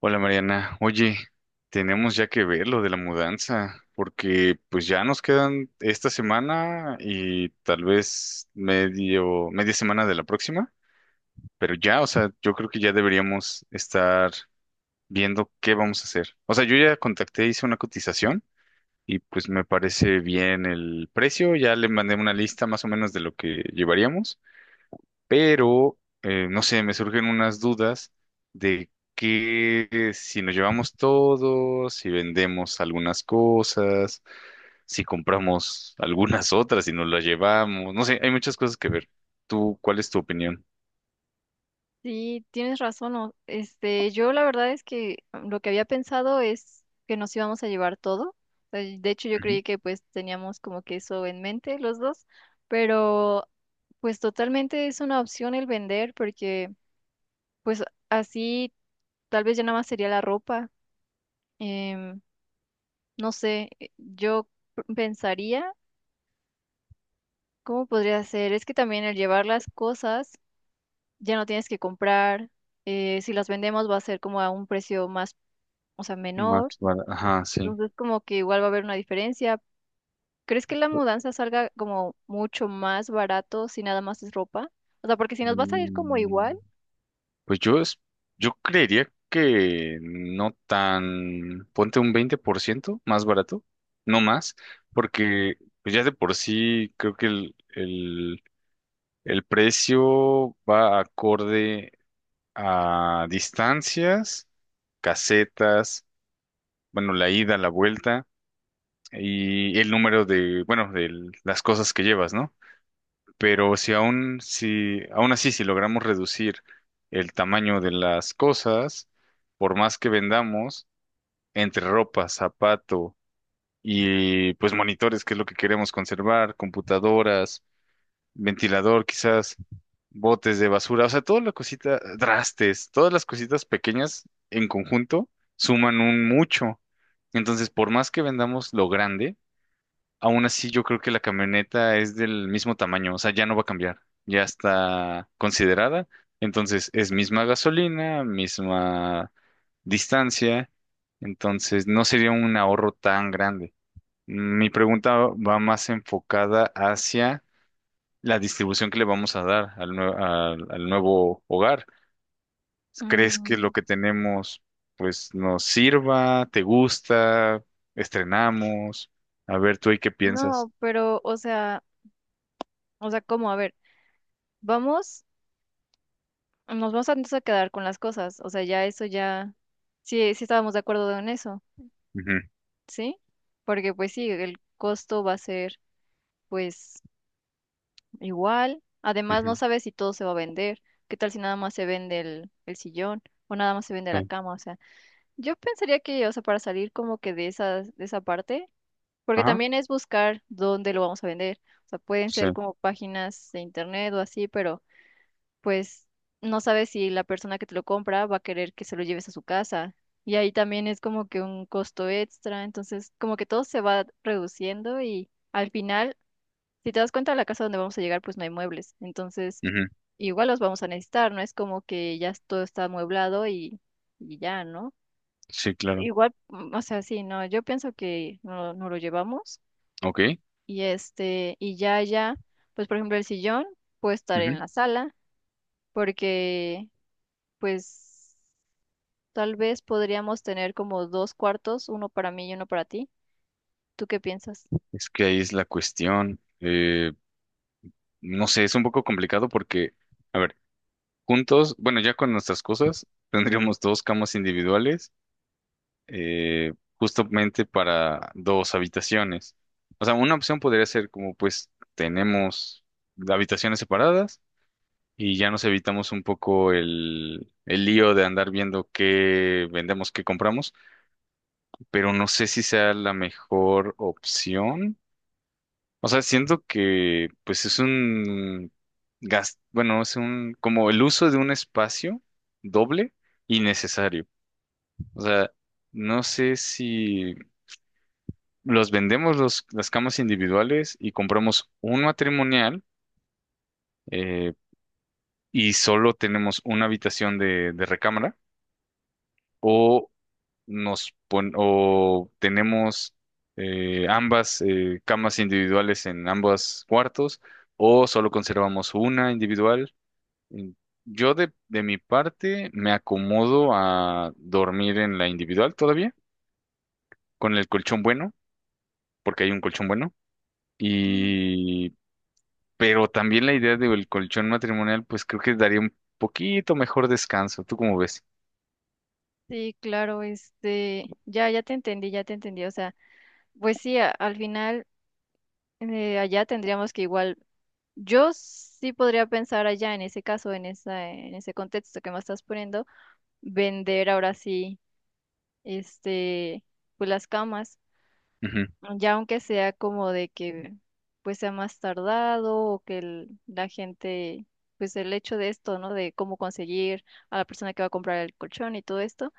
Hola Mariana, oye, tenemos ya que ver lo de la mudanza, porque pues ya nos quedan esta semana y tal vez medio, media semana de la próxima, pero ya, o sea, yo creo que ya deberíamos estar viendo qué vamos a hacer. O sea, yo ya contacté, hice una cotización y pues me parece bien el precio, ya le mandé una lista más o menos de lo que llevaríamos pero no sé, me surgen unas dudas de que si nos llevamos todo, si vendemos algunas cosas, si compramos algunas otras y nos las llevamos, no sé, hay muchas cosas que ver. ¿Tú cuál es tu opinión? Sí, tienes razón. Este, yo la verdad es que lo que había pensado es que nos íbamos a llevar todo. De hecho, yo Ujú. creí que pues teníamos como que eso en mente los dos, pero pues totalmente es una opción el vender porque pues así tal vez ya nada más sería la ropa. Em, no sé, yo pensaría cómo podría ser. Es que también el llevar las cosas ya no tienes que comprar. Si las vendemos va a ser como a un precio más, o sea, menor. Más barato. Ajá, sí. Entonces, como que igual va a haber una diferencia. ¿Crees que la mudanza salga como mucho más barato si nada más es ropa? O sea, porque si nos va a salir como igual, Mm, pues yo, yo creería que no tan, ponte un 20% más barato, no más, porque pues ya de por sí creo que el precio va acorde a distancias, casetas, bueno, la ida, la vuelta y el número de, bueno, de las cosas que llevas, ¿no? Pero si aún, si, aún así, si logramos reducir el tamaño de las cosas, por más que vendamos, entre ropa, zapato y pues monitores, que es lo que queremos conservar, computadoras, ventilador, quizás botes de basura, o sea, toda la cosita, trastes, todas las cositas pequeñas en conjunto suman un mucho. Entonces, por más que vendamos lo grande, aún así, yo creo que la camioneta es del mismo tamaño, o sea, ya no va a cambiar, ya está considerada, entonces es misma gasolina, misma distancia, entonces no sería un ahorro tan grande. Mi pregunta va más enfocada hacia la distribución que le vamos a dar al, al nuevo hogar. ¿Crees que mm, lo que tenemos pues nos sirva, te gusta, estrenamos? A ver, tú ahí qué piensas. no, pero, o sea, ¿cómo? A ver, vamos, nos vamos a, entonces a quedar con las cosas. O sea, ya eso ya, sí, sí estábamos de acuerdo en eso, Ujú, ¿sí? Porque pues sí, el costo va a ser pues igual. Además, no ujú. sabes si todo se va a vender. ¿Qué tal si nada más se vende el sillón o nada más se vende la Sí. cama? O sea. Yo pensaría que, o sea, para salir como que de esas, de esa parte, porque Ajá, también es buscar dónde lo vamos a vender. O sea, pueden sí. ser como páginas de internet o así, pero pues no sabes si la persona que te lo compra va a querer que se lo lleves a su casa. Y ahí también es como que un costo extra. Entonces, como que todo se va reduciendo y al final, si te das cuenta, la casa donde vamos a llegar, pues no hay muebles. Entonces, Ujú, igual los vamos a necesitar, no es como que ya todo está amueblado y ya, ¿no? sí, claro. Igual, o sea, sí, no, yo pienso que no, no lo llevamos Ok. y este, y ya, ya, pues por ejemplo el sillón puede estar en Ujú. la sala porque pues tal vez podríamos tener como dos cuartos, uno para mí y uno para ti. ¿Tú qué piensas? Es que ahí es la cuestión. No sé, es un poco complicado porque, a ver, juntos, bueno, ya con nuestras cosas, tendríamos dos camas individuales, eh, justamente para dos habitaciones. O sea, una opción podría ser como, pues, tenemos habitaciones separadas y ya nos evitamos un poco el lío de andar viendo qué vendemos, qué compramos. Pero no sé si sea la mejor opción. O sea, siento que pues es un bueno, es un como el uso de un espacio doble innecesario. O sea, no sé si los vendemos las camas individuales y compramos un matrimonial eh, y solo tenemos una habitación de recámara. O tenemos ambas camas individuales en ambos cuartos o solo conservamos una individual. En- Yo de mi parte me acomodo a dormir en la individual todavía, con el colchón bueno, porque hay un colchón bueno. Mm, Y pero también la idea del colchón matrimonial, pues creo que daría un poquito mejor descanso. ¿Tú cómo ves? sí, claro, este, ya, ya te entendí, o sea, pues sí, al final allá tendríamos que igual, yo sí podría pensar allá en ese caso, en esa, en ese contexto que me estás poniendo vender ahora sí, este, pues las camas, Ujú, ya aunque sea como de que pues sea más tardado o que la gente, pues el hecho de esto, ¿no? De cómo conseguir a la persona que va a comprar el colchón y todo esto,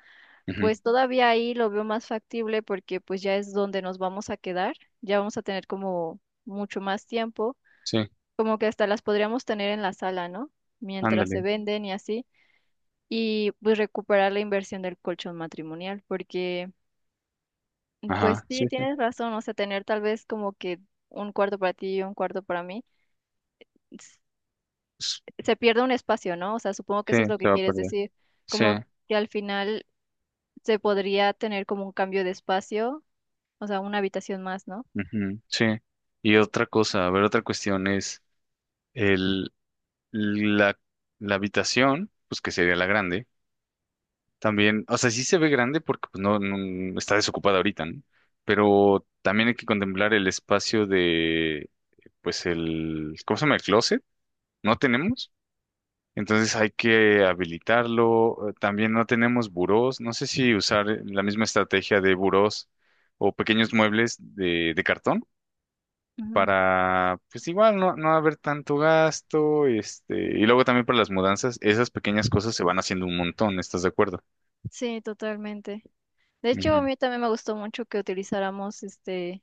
ujú. pues todavía ahí lo veo más factible porque pues ya es donde nos vamos a quedar, ya vamos a tener como mucho más tiempo, Sí, como que hasta las podríamos tener en la sala, ¿no? Mientras se ándale. venden y así y pues recuperar la inversión del colchón matrimonial, porque Ajá, pues sí, sí, sí. tienes razón, o sea, tener tal vez como que un cuarto para ti y un cuarto para mí, s- se pierde un espacio, ¿no? O sea, supongo que Sí, eso es lo que se va a quieres perder. decir, Sí, como que al final se podría tener como un cambio de espacio, o sea, una habitación más, ¿no? ujú, sí. Y otra cosa, a ver, otra cuestión es el, la, la habitación, pues que sería la grande, también, o sea, sí se ve grande porque pues, no, está desocupada ahorita, ¿no? Pero también hay que contemplar el espacio de, pues el, ¿cómo se llama? El closet, no tenemos, entonces hay que habilitarlo, también no tenemos burós, no sé si usar la misma estrategia de burós o pequeños muebles de cartón Ujú. para, pues igual, no, no haber tanto gasto, este, y luego también para las mudanzas, esas pequeñas cosas se van haciendo un montón, ¿estás de acuerdo? Sí, totalmente. De hecho, a Ujú. mí también me gustó mucho que utilizáramos este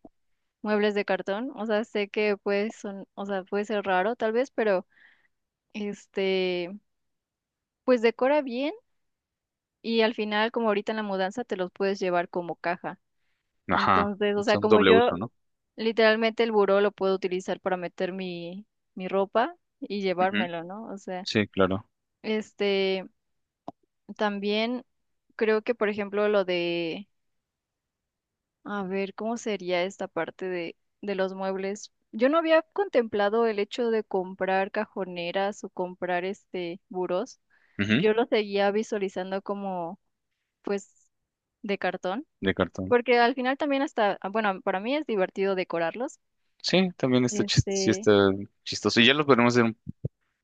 muebles de cartón, o sea, sé que pues son, o sea, puede ser raro tal vez, pero este, pues decora bien y al final como ahorita en la mudanza te los puedes llevar como caja. Ajá, Entonces, o sea, son como doble yo uso, no. literalmente el buró lo puedo utilizar para meter mi ropa y Ujú. llevármelo, ¿no? O sea, Sí, claro. este, también creo que, por ejemplo, lo de, a ver, ¿cómo sería esta parte de los muebles? Yo no había contemplado el hecho de comprar cajoneras o comprar este burós. Ujú, Yo lo seguía visualizando como, pues, de cartón, de cartón. porque al final también hasta, ah, bueno, para mí es divertido decorarlos. Sí, también está, sí Este, está chistoso. Y ya lo podemos hacer un...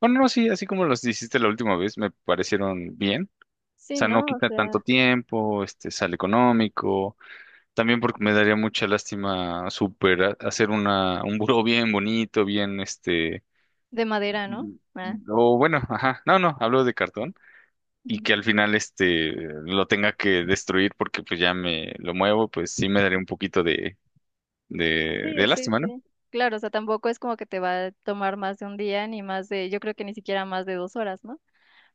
Bueno, no, sí, así como los hiciste la última vez, me parecieron bien. O sí, sea, no ¿no? O quita tanto sea, tiempo, este, sale económico. También porque me daría mucha lástima super hacer una, un buró bien bonito, bien, este, de madera, ¿no? mm, Ah. o bueno, ajá, no, no, hablo de cartón y que al final este lo tenga que destruir porque pues ya me lo muevo, pues sí me daría un poquito de Sí, sí, lástima, ¿no? sí. Claro, o sea, tampoco es como que te va a tomar más de un día, ni más de, yo creo que ni siquiera más de 2 horas, ¿no?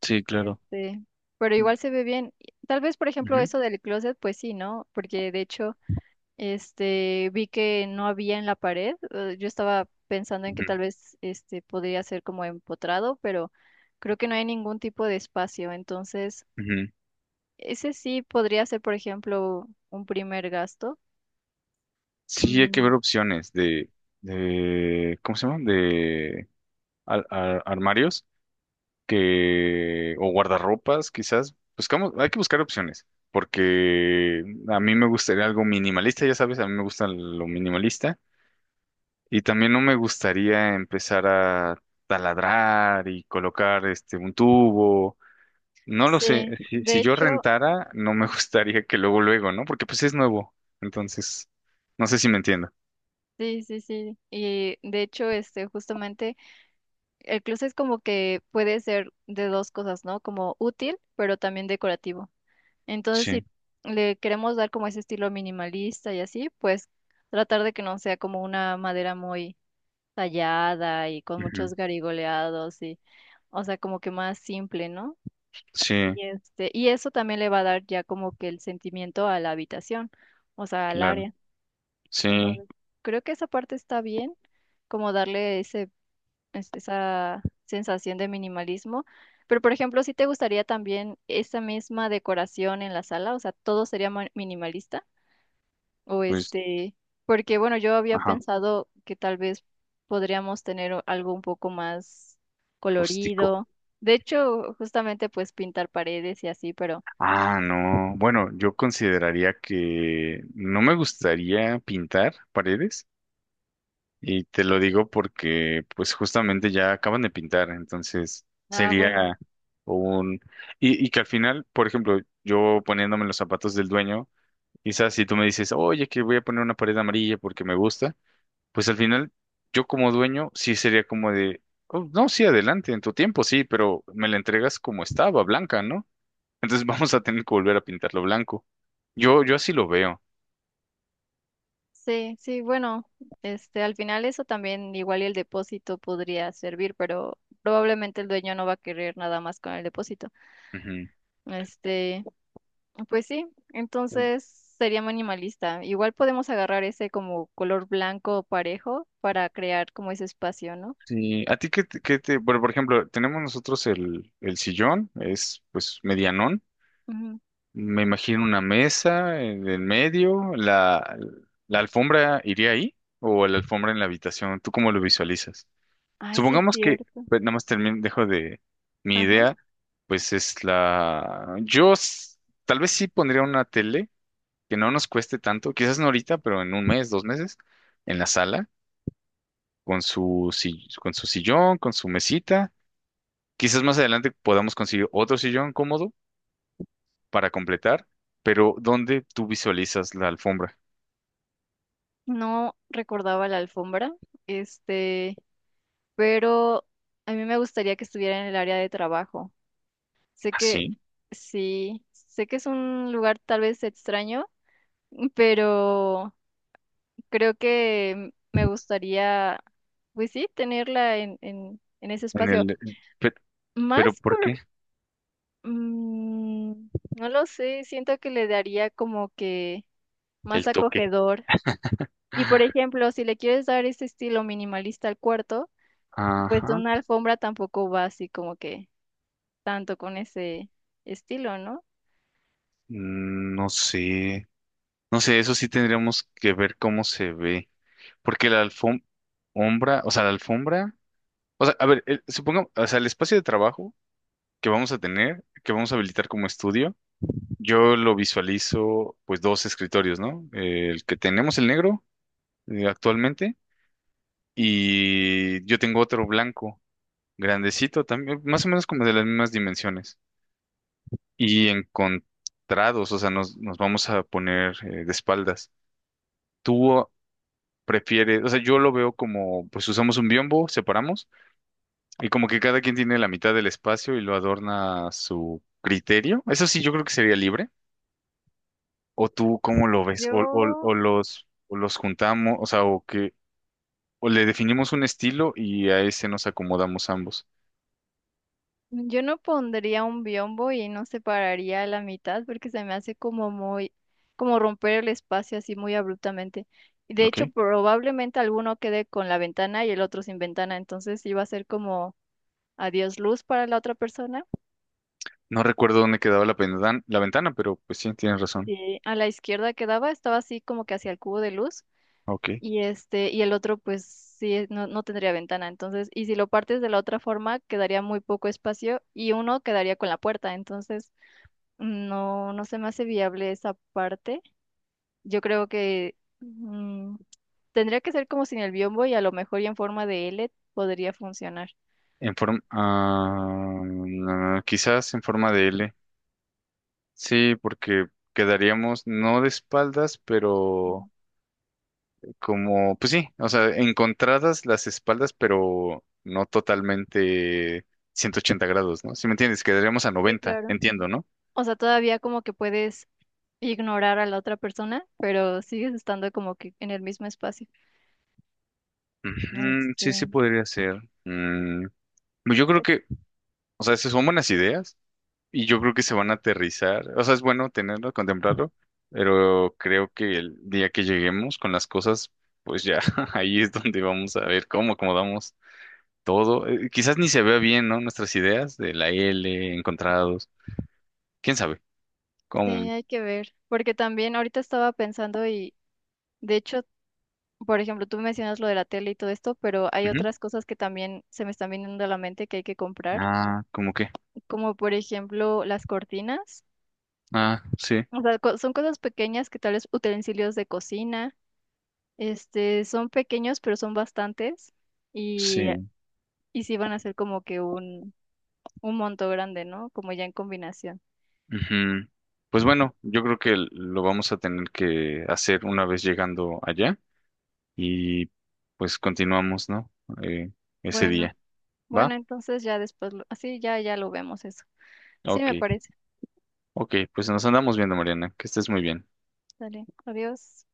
Sí, claro. Este, pero Mm, igual se ve bien. Y tal vez, por ejemplo, ujú, eso del closet, pues sí, ¿no? Porque de hecho, este, vi que no había en la pared. Yo estaba pensando en que ujú, tal vez, este, podría ser como empotrado, pero creo que no hay ningún tipo de espacio. Entonces, ujú. ese sí podría ser, por ejemplo, un primer gasto. Sí, hay que Mm, ver opciones de, ¿cómo se llaman? De armarios que, o guardarropas, quizás. Buscamos, hay que buscar opciones, porque a mí me gustaría algo minimalista, ya sabes, a mí me gusta lo minimalista. Y también no me gustaría empezar a taladrar y colocar este un tubo. No lo sí, sé, de si yo hecho, rentara, no me gustaría que luego luego, ¿no? Porque pues es nuevo. Entonces, no sé si me entiendo. sí, sí, sí. Y de hecho, este, justamente, el closet como que puede ser de dos cosas, ¿no? Como útil, pero también decorativo. Entonces, Sí, si le queremos dar como ese estilo minimalista y así, pues tratar de que no sea como una madera muy tallada y con ujú, muchos garigoleados y, o sea, como que más simple, ¿no? sí, Y este, y eso también le va a dar ya como que el sentimiento a la habitación, o sea, al claro. área. Sí, Entonces, creo que esa parte está bien, como darle ese, esa sensación de minimalismo. ¿Pero, por ejemplo, si te gustaría también esa misma decoración en la sala? O sea, ¿todo sería minimalista? O pues, este, porque bueno, yo había ajá, pensado que tal vez podríamos tener algo un poco más rústico. colorido. De hecho, justamente pues pintar paredes y así, pero, Ah, no. Bueno, yo consideraría que no me gustaría pintar paredes. Y te lo digo porque, pues, justamente ya acaban de pintar, entonces ah, bueno. sería un... Y, y que al final, por ejemplo, yo poniéndome los zapatos del dueño, quizás si tú me dices, oye, que voy a poner una pared amarilla porque me gusta, pues al final yo como dueño sí sería como de, "Oh, no, sí, adelante, en tu tiempo sí, pero me la entregas como estaba, blanca, ¿no? Entonces vamos a tener que volver a pintarlo blanco. Yo así lo veo. Sí, sí, bueno, este, al final eso también igual y el depósito podría servir, pero probablemente el dueño no va a querer nada más con el depósito. Ujú. Este, pues sí, entonces sería minimalista. Igual podemos agarrar ese como color blanco parejo para crear como ese espacio, ¿no? Sí, a ti qué te, bueno, por ejemplo, tenemos nosotros el sillón, es pues medianón, Ujú. me imagino una mesa en el medio, la alfombra iría ahí o la alfombra en la habitación, ¿tú cómo lo visualizas? Ay, sí es Supongamos que, cierto. pues, nada más termino, dejo de mi Ajá. idea, pues es la, tal vez sí pondría una tele que no nos cueste tanto, quizás no ahorita, pero en un mes, dos meses, en la sala, con su, con su sillón, con su mesita. Quizás más adelante podamos conseguir otro sillón cómodo para completar, pero ¿dónde tú visualizas la alfombra? No recordaba la alfombra, este, pero a mí me gustaría que estuviera en el área de trabajo. Sé que Así, sí, sé que es un lugar tal vez extraño, pero creo que me gustaría, pues sí, tenerla en, en ese en espacio. el... pe- ¿Pero Más por qué? por, mm, no lo sé, siento que le daría como que más El toque. acogedor. Y por ejemplo, si le quieres dar ese estilo minimalista al cuarto, pues Ajá. una alfombra tampoco va así como que tanto con ese estilo, ¿no? Mm, no sé. No sé, eso sí tendríamos que ver cómo se ve. Porque la alfombra, o sea, la alfombra, o sea, a ver, supongamos, o sea, el espacio de trabajo que vamos a tener, que vamos a habilitar como estudio, yo lo visualizo, pues, dos escritorios, ¿no? El que tenemos, el negro, actualmente. Y yo tengo otro blanco, grandecito también, más o menos como de las mismas dimensiones. Y encontrados, o sea, nos vamos a poner de espaldas. Tú prefieres, o sea, yo lo veo como, pues usamos un biombo, separamos, y como que cada quien tiene la mitad del espacio y lo adorna a su criterio. Eso sí, yo creo que sería libre. ¿O tú cómo lo ves? ¿O, Yo o los juntamos, o sea, o que, o le definimos un estilo y a ese nos acomodamos ambos? Yo no pondría un biombo y no separaría a la mitad porque se me hace como muy, como romper el espacio así muy abruptamente. Y de ¿Ok? hecho, probablemente alguno quede con la ventana y el otro sin ventana, entonces iba a ser como adiós luz para la otra persona. No recuerdo dónde quedaba la, la ventana, pero pues sí, tienes razón. Sí. A la izquierda quedaba, estaba así como que hacia el cubo de luz Ok. y este y el otro pues sí no, no tendría ventana, entonces y si lo partes de la otra forma quedaría muy poco espacio y uno quedaría con la puerta, entonces no, no se me hace viable esa parte. Yo creo que tendría que ser como sin el biombo y a lo mejor y en forma de L podría funcionar. En forma... ah, mm, quizás en forma de L. Sí, porque quedaríamos no de espaldas, pero Mm. como... Pues sí, o sea, encontradas las espaldas, pero no totalmente 180 grados, ¿no? Si me entiendes, quedaríamos a Sí, 90, claro. entiendo, ¿no? O sea, todavía como que puedes ignorar a la otra persona, pero sigues estando como que en el mismo espacio. Ujú, sí, sí Este, podría ser. Mm, pues yo creo pues que, o sea, esas son buenas ideas. Y yo creo que se van a aterrizar. O sea, es bueno tenerlo, contemplarlo, pero creo que el día que lleguemos con las cosas, pues ya ahí es donde vamos a ver cómo acomodamos todo. Quizás ni se vea bien, ¿no? Nuestras ideas de la L, encontrados. ¿Quién sabe? sí, ¿Cómo? hay que ver. Porque también ahorita estaba pensando y de hecho, por ejemplo, tú mencionas lo de la tele y todo esto, pero hay Ujú. otras cosas que también se me están viniendo a la mente que hay que comprar. Ah, ¿cómo qué? como por ejemplo las cortinas. Ah, sí, O sea, son cosas pequeñas que tal vez utensilios de cocina, este, son pequeños, pero son bastantes y, sí. y sí van a ser como que un, monto grande, ¿no? Como ya en combinación. Ujú. Pues bueno, yo creo que lo vamos a tener que hacer una vez llegando allá y pues continuamos, ¿no? Eh, Ese Bueno, día. bueno, ¿Va? entonces ya después, así ya, ya lo vemos eso. Sí, Ok, me parece. ok, pues nos andamos viendo, Mariana, que estés muy bien. Dale, adiós.